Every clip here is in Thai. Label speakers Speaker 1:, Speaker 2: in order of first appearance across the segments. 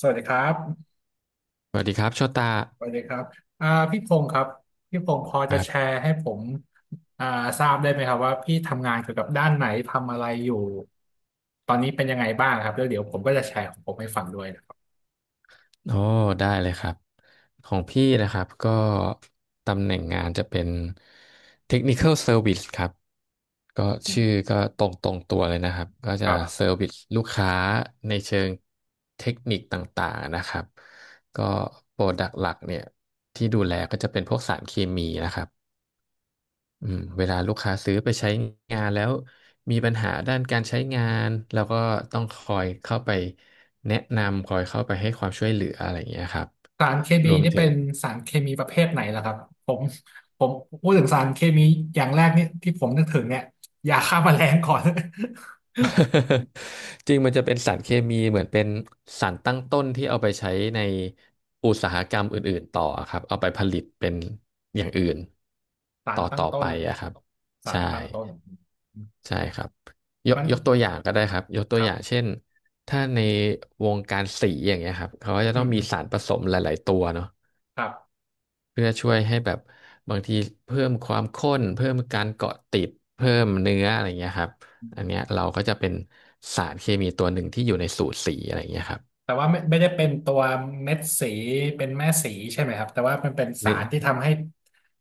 Speaker 1: สวัสดีครับ
Speaker 2: สวัสดีครับโชตา
Speaker 1: สวัสดีครับอ่าพี่พงศ์ครับพี่พงศ์พอ
Speaker 2: ค
Speaker 1: จะ
Speaker 2: รับ
Speaker 1: แชร์ให้ผมอ่าทราบได้ไหมครับว่าพี่ทำงานเกี่ยวกับด้านไหนทำอะไรอยู่ตอนนี้เป็นยังไงบ้างครับแล้วเดี๋ยวผมก็จะแชร์ของผมให้ฟังด้วยนะครับ
Speaker 2: โอ้ได้เลยครับของพี่นะครับก็ตำแหน่งงานจะเป็น Technical Service ครับก็
Speaker 1: อื
Speaker 2: ชื่อ
Speaker 1: ม
Speaker 2: ก็ตรงตัวเลยนะครับก็
Speaker 1: ค
Speaker 2: จะ
Speaker 1: รับ
Speaker 2: Service ลูกค้าในเชิงเทคนิคต่างๆนะครับก็โปรดักต์หลักเนี่ยที่ดูแลก็จะเป็นพวกสารเคมีนะครับ เวลาลูกค้าซื้อไปใช้งานแล้วมีปัญหาด้านการใช้งานเราก็ต้องคอยเข้าไปแนะนำคอยเข้าไปให้ความช่วยเหลืออะไรอย่างเงี้ยครับ
Speaker 1: สารเคมี
Speaker 2: รวม
Speaker 1: นี่
Speaker 2: ถึ
Speaker 1: เป็
Speaker 2: ง
Speaker 1: นสารเคมีประเภทไหนล่ะครับผมผมพูดถึงสารเคมีอย่างแรกนี่ที่ผมนึกถึงเนี่ยยาฆ่าแมลงก่อน
Speaker 2: จริงมันจะเป็นสารเคมีเหมือนเป็นสารตั้งต้นที่เอาไปใช้ในอุตสาหกรรมอื่นๆต่อครับเอาไปผลิตเป็นอย่างอื่น
Speaker 1: สาร
Speaker 2: ต่อ
Speaker 1: ตั้
Speaker 2: ต่
Speaker 1: ง
Speaker 2: อ
Speaker 1: ต้
Speaker 2: ไป
Speaker 1: น
Speaker 2: อะครับ
Speaker 1: สาร
Speaker 2: ใช่
Speaker 1: ตั้งต้น
Speaker 2: ใช่ครับยก
Speaker 1: มัน
Speaker 2: ยกตัวอย่างก็ได้ครับยกตั
Speaker 1: ค
Speaker 2: ว
Speaker 1: รั
Speaker 2: อย่างเช่
Speaker 1: บ
Speaker 2: น ถ้าในวงการสีอย่างเงี้ยครับเขาก็จะ
Speaker 1: อื
Speaker 2: ต้อ
Speaker 1: ม
Speaker 2: ง
Speaker 1: อื
Speaker 2: มี
Speaker 1: ม
Speaker 2: สารผสมหลายๆตัวเนาะ
Speaker 1: ครับ
Speaker 2: เพื่อช่วยให้แบบบางทีเพิ่มความข้นเพิ่มการเกาะติดเพิ่มเนื้ออะไรเงี้ยครับอันเนี้ยเราก็จะเป็นสารเคมีตัวหนึ่งที่อยู่ในสูตรสีอะไรเงี้ยครับ
Speaker 1: แต่ว่าไม่ได้เป็นตัวเม็ดสีเป็นแม่สีใช่ไหมครับแต่ว่ามันเป็นสารที่
Speaker 2: นี่
Speaker 1: ทำให้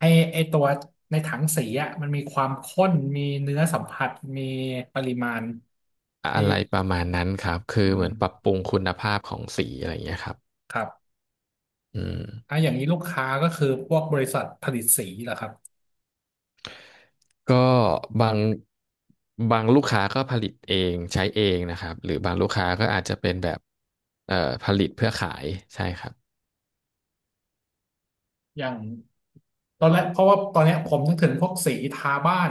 Speaker 1: ให้ไอตัวในถังสีอ่ะมันมีความข้นมีเนื้อสัมผัสมีปริมาณ
Speaker 2: อะ
Speaker 1: ที่
Speaker 2: ไรประมาณนั้นครับคื
Speaker 1: อื
Speaker 2: อเห
Speaker 1: ม
Speaker 2: มือนปรับปรุงคุณภาพของสีอะไรเงี้ยครับ
Speaker 1: ครับ
Speaker 2: อืม
Speaker 1: อ่ะอย่างนี้ลูกค้าก็คือพวกบริษัทผลิตสีเหรอครับ
Speaker 2: ก็บางบางลูกค้าก็ผลิตเองใช้เองนะครับหรือบางลูกค้าก็อาจจะเป็นแบบเอ่อผลิตเพื่อขายใช่ครับ
Speaker 1: อย่าง ตอนแรกเพราะว่าตอนเนี้ยผมนึกถึงพวกสีทาบ้าน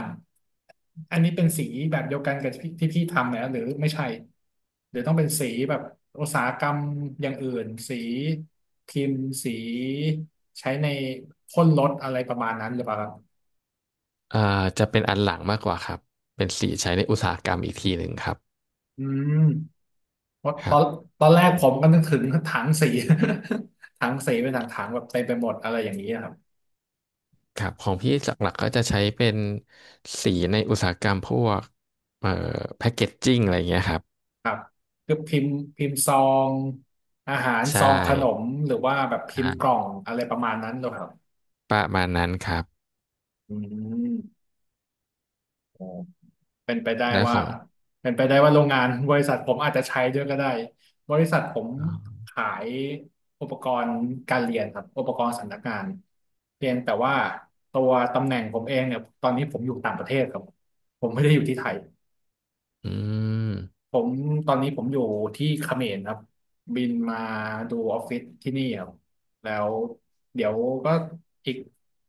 Speaker 1: อันนี้เป็นสีแบบเดียวกันกับที่พี่ทำเนี่ยหรือไม่ใช่หรือต้องเป็นสีแบบอุตสาหกรรมอย่างอื่นสีพิมพ์สีใช้ในพ่นรถอะไรประมาณนั้นหรือเปล่าครับ
Speaker 2: อ่าจะเป็นอันหลังมากกว่าครับเป็นสีใช้ในอุตสาหกรรมอีกทีหนึ่งครับ
Speaker 1: อืมเพราะ
Speaker 2: ค
Speaker 1: ต
Speaker 2: รั
Speaker 1: อน
Speaker 2: บ
Speaker 1: ตอนแรกผมก็นึกถึงถังสี ถังสีเป็นถังๆแบบเต็มไปหมดอะไรอย่างนี้ครับ
Speaker 2: ครับของพี่หลักๆก็จะใช้เป็นสีในอุตสาหกรรมพวกเอ่อแพคกเกจจิ้งอะไรอย่างเงี้ยครับ
Speaker 1: ครับคือพิมพ์ซองอาหารซ
Speaker 2: ใช่
Speaker 1: องขนมหรือว่าแบบพิมพ์กล่อ
Speaker 2: ใช่
Speaker 1: งอะไรประมาณนั้นเหรอครับ
Speaker 2: ประมาณนั้นครับ
Speaker 1: อืมโอ้เป็นไปได้
Speaker 2: และ
Speaker 1: ว่า
Speaker 2: ของ
Speaker 1: เป็นไปได้ว่าโรงงานบริษัทผมอาจจะใช้ด้วยก็ได้บริษัทผม
Speaker 2: อ๋อ
Speaker 1: ขายอุปกรณ์การเรียนครับอุปกรณ์สำนักงานเพียงแต่ว่าตัวตำแหน่งผมเองเนี่ยตอนนี้ผมอยู่ต่างประเทศครับผมไม่ได้อยู่ที่ไทย
Speaker 2: อืม
Speaker 1: ผมตอนนี้ผมอยู่ที่เขมรครับบินมาดูออฟฟิศที่นี่ครับแล้วเดี๋ยวก็อีก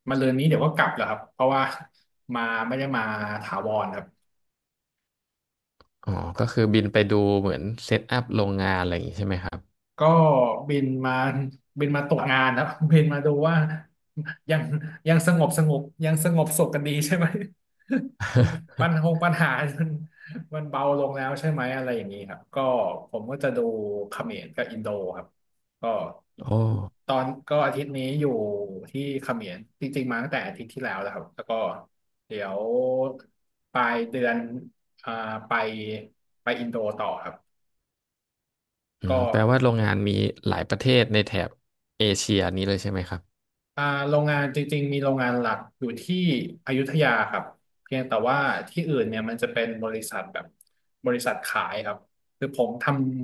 Speaker 1: มาเรือนนี้เดี๋ยวก็กลับแล้วครับเพราะว่ามาไม่ได้มาถาวรครับ
Speaker 2: อ๋อก็คือบินไปดูเหมือนเซตอัพโรงงานอะไรอย่างงี้ใช่ไหมครับ
Speaker 1: ก็บินมาบินมาตกงานแล้ว บินมาดูว่ายังยังสงบสงบยังสงบสุขกันดีใช่ไหม ปัญหาปัญหามันมันเบาลงแล้วใช่ไหมอะไรอย่างนี้ครับก็ผมก็จะดูเขมรกับอินโดครับก็
Speaker 2: โอ้
Speaker 1: ตอนก็อาทิตย์นี้อยู่ที่เขมรจริงๆมาตั้งแต่อาทิตย์ที่แล้วแล้วครับแล้วก็เดี๋ยวปลายเดือนอ่าไปไปอินโดต่อครับ
Speaker 2: อืม
Speaker 1: ก็
Speaker 2: แปลว่าโรงงานมีหลายประเทศในแถบเอเชียนี้เลยใช่ไหมครับ
Speaker 1: อ่าโรงงานจริงๆมีโรงงานหลักอยู่ที่อยุธยาครับเพียงแต่ว่าที่อื่นเนี่ยมันจะเป็นบริษัทแบบบริษัทขายครับคือผมท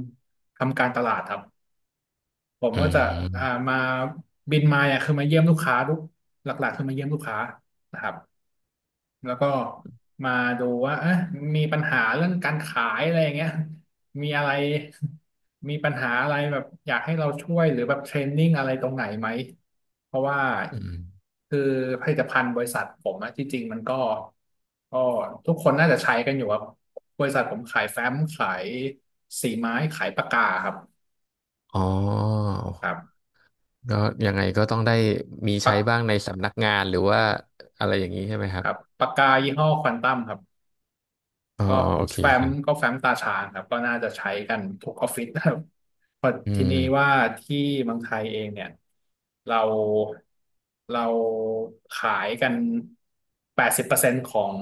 Speaker 1: ำทำการตลาดครับผม
Speaker 2: อื
Speaker 1: ก็จะ
Speaker 2: ม
Speaker 1: มาบินมาอ่ะคือมาเยี่ยมลูกค้าลูกหลักๆคือมาเยี่ยมลูกค้านะครับ แล้วก็มาดูว่าเอ๊ะมีปัญหาเรื่องการขายอะไรอย่างเงี้ยมีอะไรมีปัญหาอะไรแบบอยากให้เราช่วยหรือแบบเทรนนิ่งอะไรตรงไหนไหมเพราะว่า
Speaker 2: อืม
Speaker 1: คือผลิตภัณฑ์บริษัทผมอะที่จริงมันก็ก็ทุกคนน่าจะใช้กันอยู่ครับบริษัทผมขายแฟ้มขายสีไม้ขายปากกาครับ
Speaker 2: อ๋อ
Speaker 1: ครับ
Speaker 2: ก็ยังไงก็ต้องได้มี
Speaker 1: ปา
Speaker 2: ใช้
Speaker 1: ก
Speaker 2: บ้างในสำนักงานหรือว่าอะไรอย่างนี้ใช่ไหมครับ
Speaker 1: ปากกายี่ห้อควอนตัมครับ
Speaker 2: อ๋อ
Speaker 1: ก็
Speaker 2: โอเค
Speaker 1: แฟ้
Speaker 2: ค
Speaker 1: ม
Speaker 2: รั
Speaker 1: ก็
Speaker 2: บ
Speaker 1: แฟ้มตาชาญครับก็น่าจะใช้กันทุกออฟฟิศนะครับเพราะ
Speaker 2: อื
Speaker 1: ทีนี้
Speaker 2: ม
Speaker 1: ว่าที่เมืองไทยเองเนี่ยเราเราขายกันแปดสิบเปอร์เซ็นต์ของ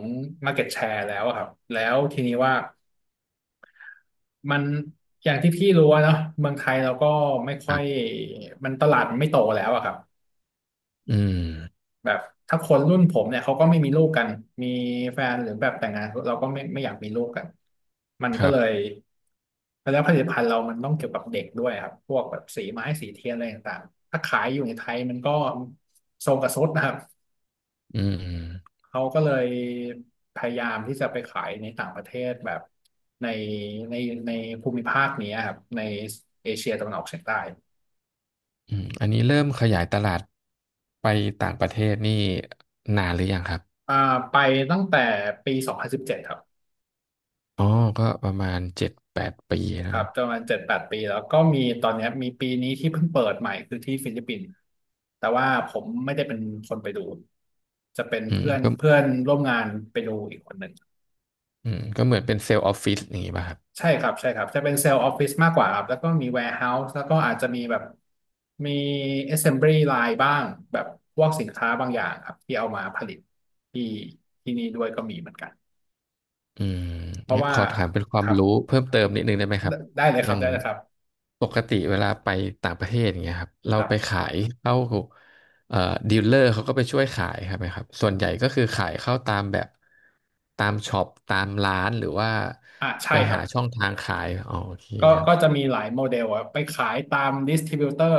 Speaker 1: Market Share แล้วอะครับแล้วทีนี้ว่ามันอย่างที่พี่รู้อะเนาะเมืองไทยเราก็ไม่
Speaker 2: ค
Speaker 1: ค่อ
Speaker 2: รั
Speaker 1: ย
Speaker 2: บ
Speaker 1: มันตลาดมันไม่โตแล้วอะครับ
Speaker 2: อืม
Speaker 1: แบบถ้าคนรุ่นผมเนี่ยเขาก็ไม่มีลูกกันมีแฟนหรือแบบแต่งงานเราก็ไม่อยากมีลูกกันมัน
Speaker 2: ค
Speaker 1: ก็
Speaker 2: รั
Speaker 1: เลย
Speaker 2: บ
Speaker 1: แล้วผลิตภัณฑ์เรามันต้องเกี่ยวกับเด็กด้วยครับพวกแบบสีไม้สีเทียนอะไรต่างๆถ้าขายอยู่ในไทยมันก็โซกระซดนะครับ
Speaker 2: อืมอืม
Speaker 1: เขาก็เลยพยายามที่จะไปขายในต่างประเทศแบบในในในภูมิภาคนี้ครับในเอเชียตะวันออกเฉียงใต้
Speaker 2: อมอันนี้เริ่มขยายตลาดไปต่างประเทศนี่นานหรือยังครับ
Speaker 1: อ่าไปตั้งแต่ปี2017ครับ
Speaker 2: อ๋อ ก็ประมาณ7-8 ปีแล้
Speaker 1: ค
Speaker 2: ว
Speaker 1: รับ
Speaker 2: นะ
Speaker 1: ประมาณเจ็ดแปดปีแล้วก็มีตอนเนี้ยมีปีนี้ที่เพิ่งเปิดใหม่คือที่ฟิลิปปินส์แต่ว่าผมไม่ได้เป็นคนไปดูจะเป็น
Speaker 2: อืม
Speaker 1: เพื่อน
Speaker 2: ก็
Speaker 1: เพื่อนร่วมงานไปดูอีกคนหนึ่ง
Speaker 2: อืมก็เหมือนเป็นเซลล์ออฟฟิศอย่างงี้ป่ะครับ
Speaker 1: ใช่ครับใช่ครับจะเป็นเซลล์ออฟฟิศมากกว่าครับแล้วก็มี w ว r e h o าส e แล้วก็อาจจะมีแบบมี assembly line บ้างแบบพวกสินค้าบางอย่างครับที่เอามาผลิตที่ที่นี่ด้วยก็มีเหมือนกัน
Speaker 2: อืม
Speaker 1: เพราะ
Speaker 2: งั้น
Speaker 1: ว่า
Speaker 2: ขอถามเป็นควา
Speaker 1: ค
Speaker 2: ม
Speaker 1: รับ
Speaker 2: รู้เพิ่มเติมนิดนึงได้ไหมครับ
Speaker 1: ได้เลย
Speaker 2: อ
Speaker 1: ครั
Speaker 2: ย่า
Speaker 1: บ
Speaker 2: ง
Speaker 1: ได้เลยครับ
Speaker 2: ปกติเวลาไปต่างประเทศอย่างเงี้ยครับเรา
Speaker 1: ครั
Speaker 2: ไป
Speaker 1: บ
Speaker 2: ขายเข้าเอ่อดีลเลอร์เขาก็ไปช่วยขายครับไหมครับส่วนใหญ่ก็คือขายเข้าตามแบบตามช็อปตามร้านหรือว่า
Speaker 1: อ่ะ
Speaker 2: ไป
Speaker 1: ใช่ครับ
Speaker 2: หาช่องทางขายอ๋อโอเค
Speaker 1: ก็
Speaker 2: ครับ
Speaker 1: ก็จะมีหลายโมเดลอะไปขายตามดิสทริบิวเตอร์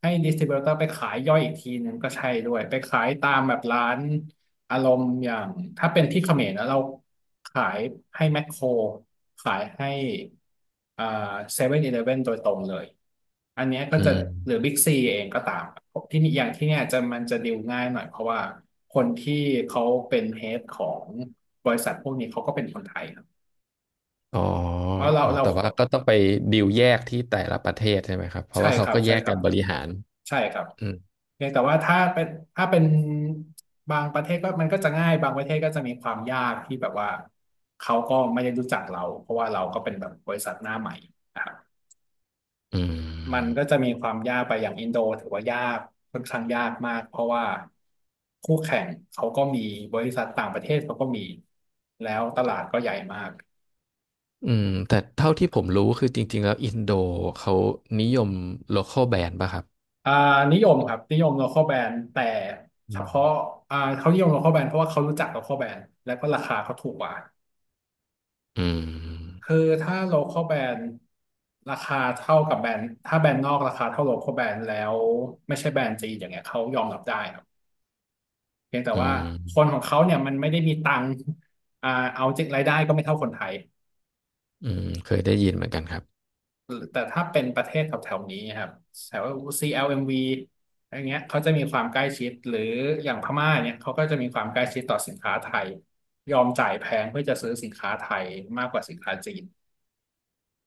Speaker 1: ให้ดิสทริบิวเตอร์ไปขายย่อยอีกทีนึงก็ใช่ด้วยไปขายตามแบบร้านอารมณ์อย่างถ้าเป็นที่เขมรนะเราขายให้แมคโครขายให้อ่าเซเว่นอีเลฟเว่นโดยตรงเลยอันเนี้ยก็
Speaker 2: อื
Speaker 1: จะ
Speaker 2: ม
Speaker 1: หรือบิ๊กซีเองก็ตามที่นี่อย่างที่เนี่ยจะมันจะดีลง่ายหน่อยเพราะว่าคนที่เขาเป็นเฮดของบริษัทพวกนี้เขาก็เป็นคนไทยครับ
Speaker 2: อ๋อ
Speaker 1: เอาเรา
Speaker 2: อ๋อ
Speaker 1: เรา
Speaker 2: แต่ว่าก็ต้องไปดีลแยกที่แต่ละประเทศใช่ไหมครับเพราะ
Speaker 1: ใช่
Speaker 2: ว่า
Speaker 1: ค
Speaker 2: เขา
Speaker 1: รับ
Speaker 2: ก็แย
Speaker 1: ใช่
Speaker 2: ก
Speaker 1: ครั
Speaker 2: กั
Speaker 1: บ
Speaker 2: นบริหาร
Speaker 1: ใช่ครับ
Speaker 2: อืม
Speaker 1: เพียงแต่ว่าถ้าเป็นบางประเทศก็มันก็จะง่ายบางประเทศก็จะมีความยากที่แบบว่าเขาก็ไม่ได้รู้จักเราเพราะว่าเราก็เป็นแบบบริษัทหน้าใหม่นะครับ
Speaker 2: อื
Speaker 1: มัน
Speaker 2: ม
Speaker 1: ก็จะมีความยากไปอย่างอินโดถือว่ายากค่อนข้างยากมากเพราะว่าคู่แข่งเขาก็มีบริษัทต่างประเทศเขาก็มีแล้วตลาดก็ใหญ่มาก
Speaker 2: อืมแต่เท่าที่ผมรู้คือจริงๆแล้วอินโดเขานิยม local brand ป่ะครับ
Speaker 1: อ่านิยมครับนิยม local brand แต่เฉ
Speaker 2: อืม
Speaker 1: พาะเขานิยม local brand เพราะว่าเขารู้จัก local brand แล้วก็ราคาเขาถูกกว่า
Speaker 2: อืม
Speaker 1: คือถ้า local brand ราคาเท่ากับแบรนด์ถ้าแบรนด์นอกราคาเท่า local brand แล้วไม่ใช่แบรนด์จีนอย่างเงี้ยเขายอมรับได้ครับเพียงแต่
Speaker 2: อื
Speaker 1: ว่า
Speaker 2: ม
Speaker 1: คนของเขาเนี่ยมันไม่ได้มีตังค์เอาจริงรายได้ก็ไม่เท่าคนไทย
Speaker 2: อืมเคยได้ยินเหมือนกันครับ
Speaker 1: แต่ถ้าเป็นประเทศแถวๆนี้ครับแถว CLMV อลเอ็มวีอะไรเงี้ยเขาจะมีความใกล้ชิดหรืออย่างพม่าเนี่ยเขาก็จะมีความใกล้ชิดต่อสินค้าไทยยอมจ่ายแพงเพื่อจะซื้อสินค้าไทยมากกว่าสินค้าจีน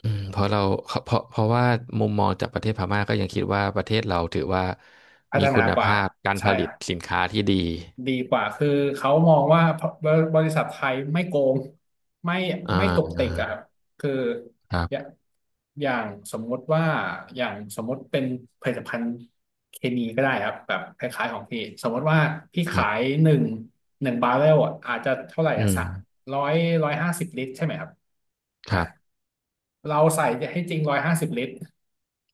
Speaker 2: อืมเพราะเราเพราะเพราะว่ามุมมองจากประเทศพม่าก็ยังคิดว่าประเทศเราถือว่า
Speaker 1: พั
Speaker 2: มี
Speaker 1: ฒนา
Speaker 2: คุณ
Speaker 1: กว่า
Speaker 2: ภาพการผ
Speaker 1: ใช่
Speaker 2: ลิ
Speaker 1: ค
Speaker 2: ต
Speaker 1: รับ
Speaker 2: สินค้าที่ดี
Speaker 1: ดีกว่าคือเขามองว่าบบริษัทไทยไม่โกงไม่
Speaker 2: อ่
Speaker 1: ไม่ตุกติก
Speaker 2: า
Speaker 1: อะครับคือ
Speaker 2: ครั
Speaker 1: อย่า
Speaker 2: บ
Speaker 1: อย่างสมมติว่าอย่างสมมติเป็นผลิตภัณฑ์เคมีก็ได้ครับแบบคล้ายๆของพี่สมมติว่าพี่
Speaker 2: ครั
Speaker 1: ขาย
Speaker 2: บ
Speaker 1: หนึ่งบาร์เรลอะอาจจะเท่าไหร่อะ
Speaker 2: อืม
Speaker 1: สักร้อยร้อยห้าสิบลิตรใช่ไหมครับ
Speaker 2: ค
Speaker 1: อ่า
Speaker 2: รับ
Speaker 1: เราใส่ให้จริงร้อยห้าสิบลิตร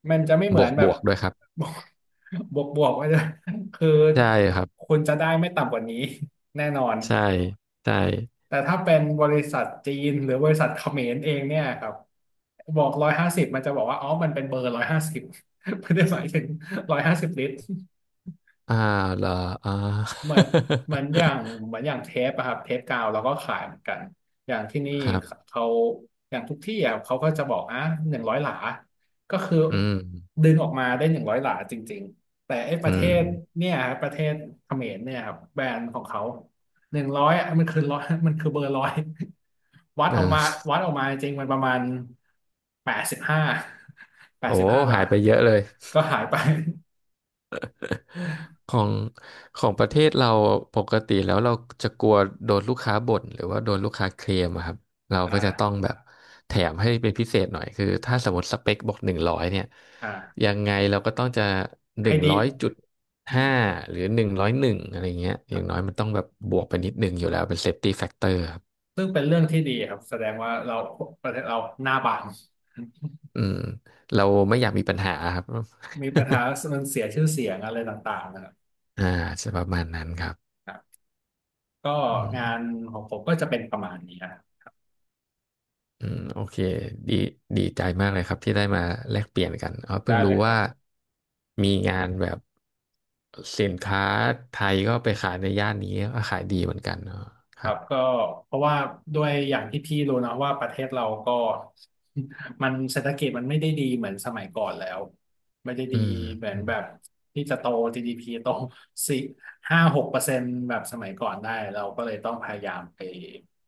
Speaker 1: มันจะไม่เห
Speaker 2: บ
Speaker 1: มือ
Speaker 2: ว
Speaker 1: น
Speaker 2: ก
Speaker 1: แบ
Speaker 2: บ
Speaker 1: บ
Speaker 2: วกด้วยครับ
Speaker 1: บวกไว้เลย คือ
Speaker 2: ใช่ครับ
Speaker 1: คุณจะได้ไม่ต่ำกว่านี้ แน่นอน
Speaker 2: ใช่ใช่
Speaker 1: แต่ถ้าเป็นบริษัทจีนหรือบริษัทเขมรเองเนี่ยครับบอกร้อยห้าสิบมันจะบอกว่าอ๋อมันเป็นเบอร์ร้อยห้าสิบ ไม่ได้หมายถึง150 ลิตร
Speaker 2: อ่าละอ่า
Speaker 1: เหมือนเหมือนอย่าง เหมือนอย่างเทปอะครับเทปกาวเราก็ขายเหมือนกันอย่างที่นี่
Speaker 2: ครับ
Speaker 1: เขาอย่างทุกที่อะเขาก็จะบอกอ่ะหนึ่งร้อยหลาก็คือ
Speaker 2: อืม
Speaker 1: ดึงออกมาได้หนึ่งร้อยหลาจริงๆแต่ไอ้ประ
Speaker 2: อื
Speaker 1: เท
Speaker 2: ม
Speaker 1: ศเนี่ยครับประเทศเขมรเนี่ยครับแบรนด์ของเขาหนึ่งร้อยมันคือร้อย มันคือเบอร์ร้อยวัดอ
Speaker 2: อ่า
Speaker 1: อกมาวัดออกมาจริงมันประมาณแปดสิบห้าแปด
Speaker 2: โอ้
Speaker 1: สิบห้าหลา
Speaker 2: หายไปเยอะเลย
Speaker 1: ก็หายไป
Speaker 2: ของของประเทศเราปกติแล้วเราจะกลัวโดนลูกค้าบ่นหรือว่าโดนลูกค้าเคลมอะครับเรา
Speaker 1: อ
Speaker 2: ก็จะต้อง
Speaker 1: ่า
Speaker 2: แบบแถมให้เป็นพิเศษหน่อยคือถ้าสมมติสเปคบอกหนึ่งร้อยเนี่ย
Speaker 1: อ่า
Speaker 2: ยังไงเราก็ต้องจะห
Speaker 1: ให้
Speaker 2: นึ่ง
Speaker 1: ดี
Speaker 2: ร้อยจุด
Speaker 1: อืม
Speaker 2: ห้าหรือ101อะไรเงี้ยอย่างน้อยมันต้องแบบบวกไปนิดนึงอยู่แล้วเป็นเซฟตี้แฟกเตอร์ครับ
Speaker 1: ซึ่งเป็นเรื่องที่ดีครับแสดงว่าเราประเทศเราหน้าบาน
Speaker 2: อืมเราไม่อยากมีปัญหาครับ
Speaker 1: มีปัญหามันเสียชื่อเสียงอะไรต่างๆนะครับ
Speaker 2: อ่าจะประมาณนั้นครับ
Speaker 1: ครับก็
Speaker 2: อืม
Speaker 1: งานของผมก็จะเป็นประมาณนี้ครับ
Speaker 2: อืมโอเคดีดีใจมากเลยครับที่ได้มาแลกเปลี่ยนกันเอาเพิ่
Speaker 1: ได้
Speaker 2: ง
Speaker 1: เล
Speaker 2: รู้
Speaker 1: ยครั
Speaker 2: ว่า
Speaker 1: บ
Speaker 2: มีงานแบบสินค้าไทยก็ไปขายในย่านนี้ก็ขายดีเหมือนกันเนาะค
Speaker 1: ค
Speaker 2: รั
Speaker 1: รั
Speaker 2: บ
Speaker 1: บก็เพราะว่าด้วยอย่างที่พี่รู้นะว่าประเทศเราก็ มันเศรษฐกิจมันไม่ได้ดีเหมือนสมัยก่อนแล้วไม่ได้
Speaker 2: อื
Speaker 1: ดี
Speaker 2: ม
Speaker 1: เหมือน
Speaker 2: อืม
Speaker 1: แบบที่จะโต GDP โต4 5 6%แบบสมัยก่อนได้เราก็เลยต้องพยายามไป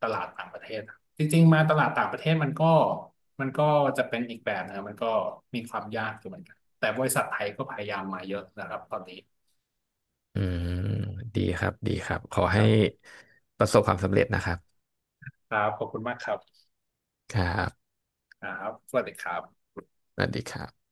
Speaker 1: ตลาดต่างประเทศจริงๆมาตลาดต่างประเทศมันก็จะเป็นอีกแบบนะมันก็มีความยากอยู่เหมือนกันแต่บริษัทไทยก็พยายามมาเยอะนะครับตอนนี้
Speaker 2: อืมดีครับดีครับขอ
Speaker 1: ค
Speaker 2: ให้
Speaker 1: รับ
Speaker 2: ประสบความสำเร็จนะครับ
Speaker 1: ครับขอบคุณมากครับ
Speaker 2: ครับ
Speaker 1: ครับสวัสดีครับ
Speaker 2: สวัสดีครับ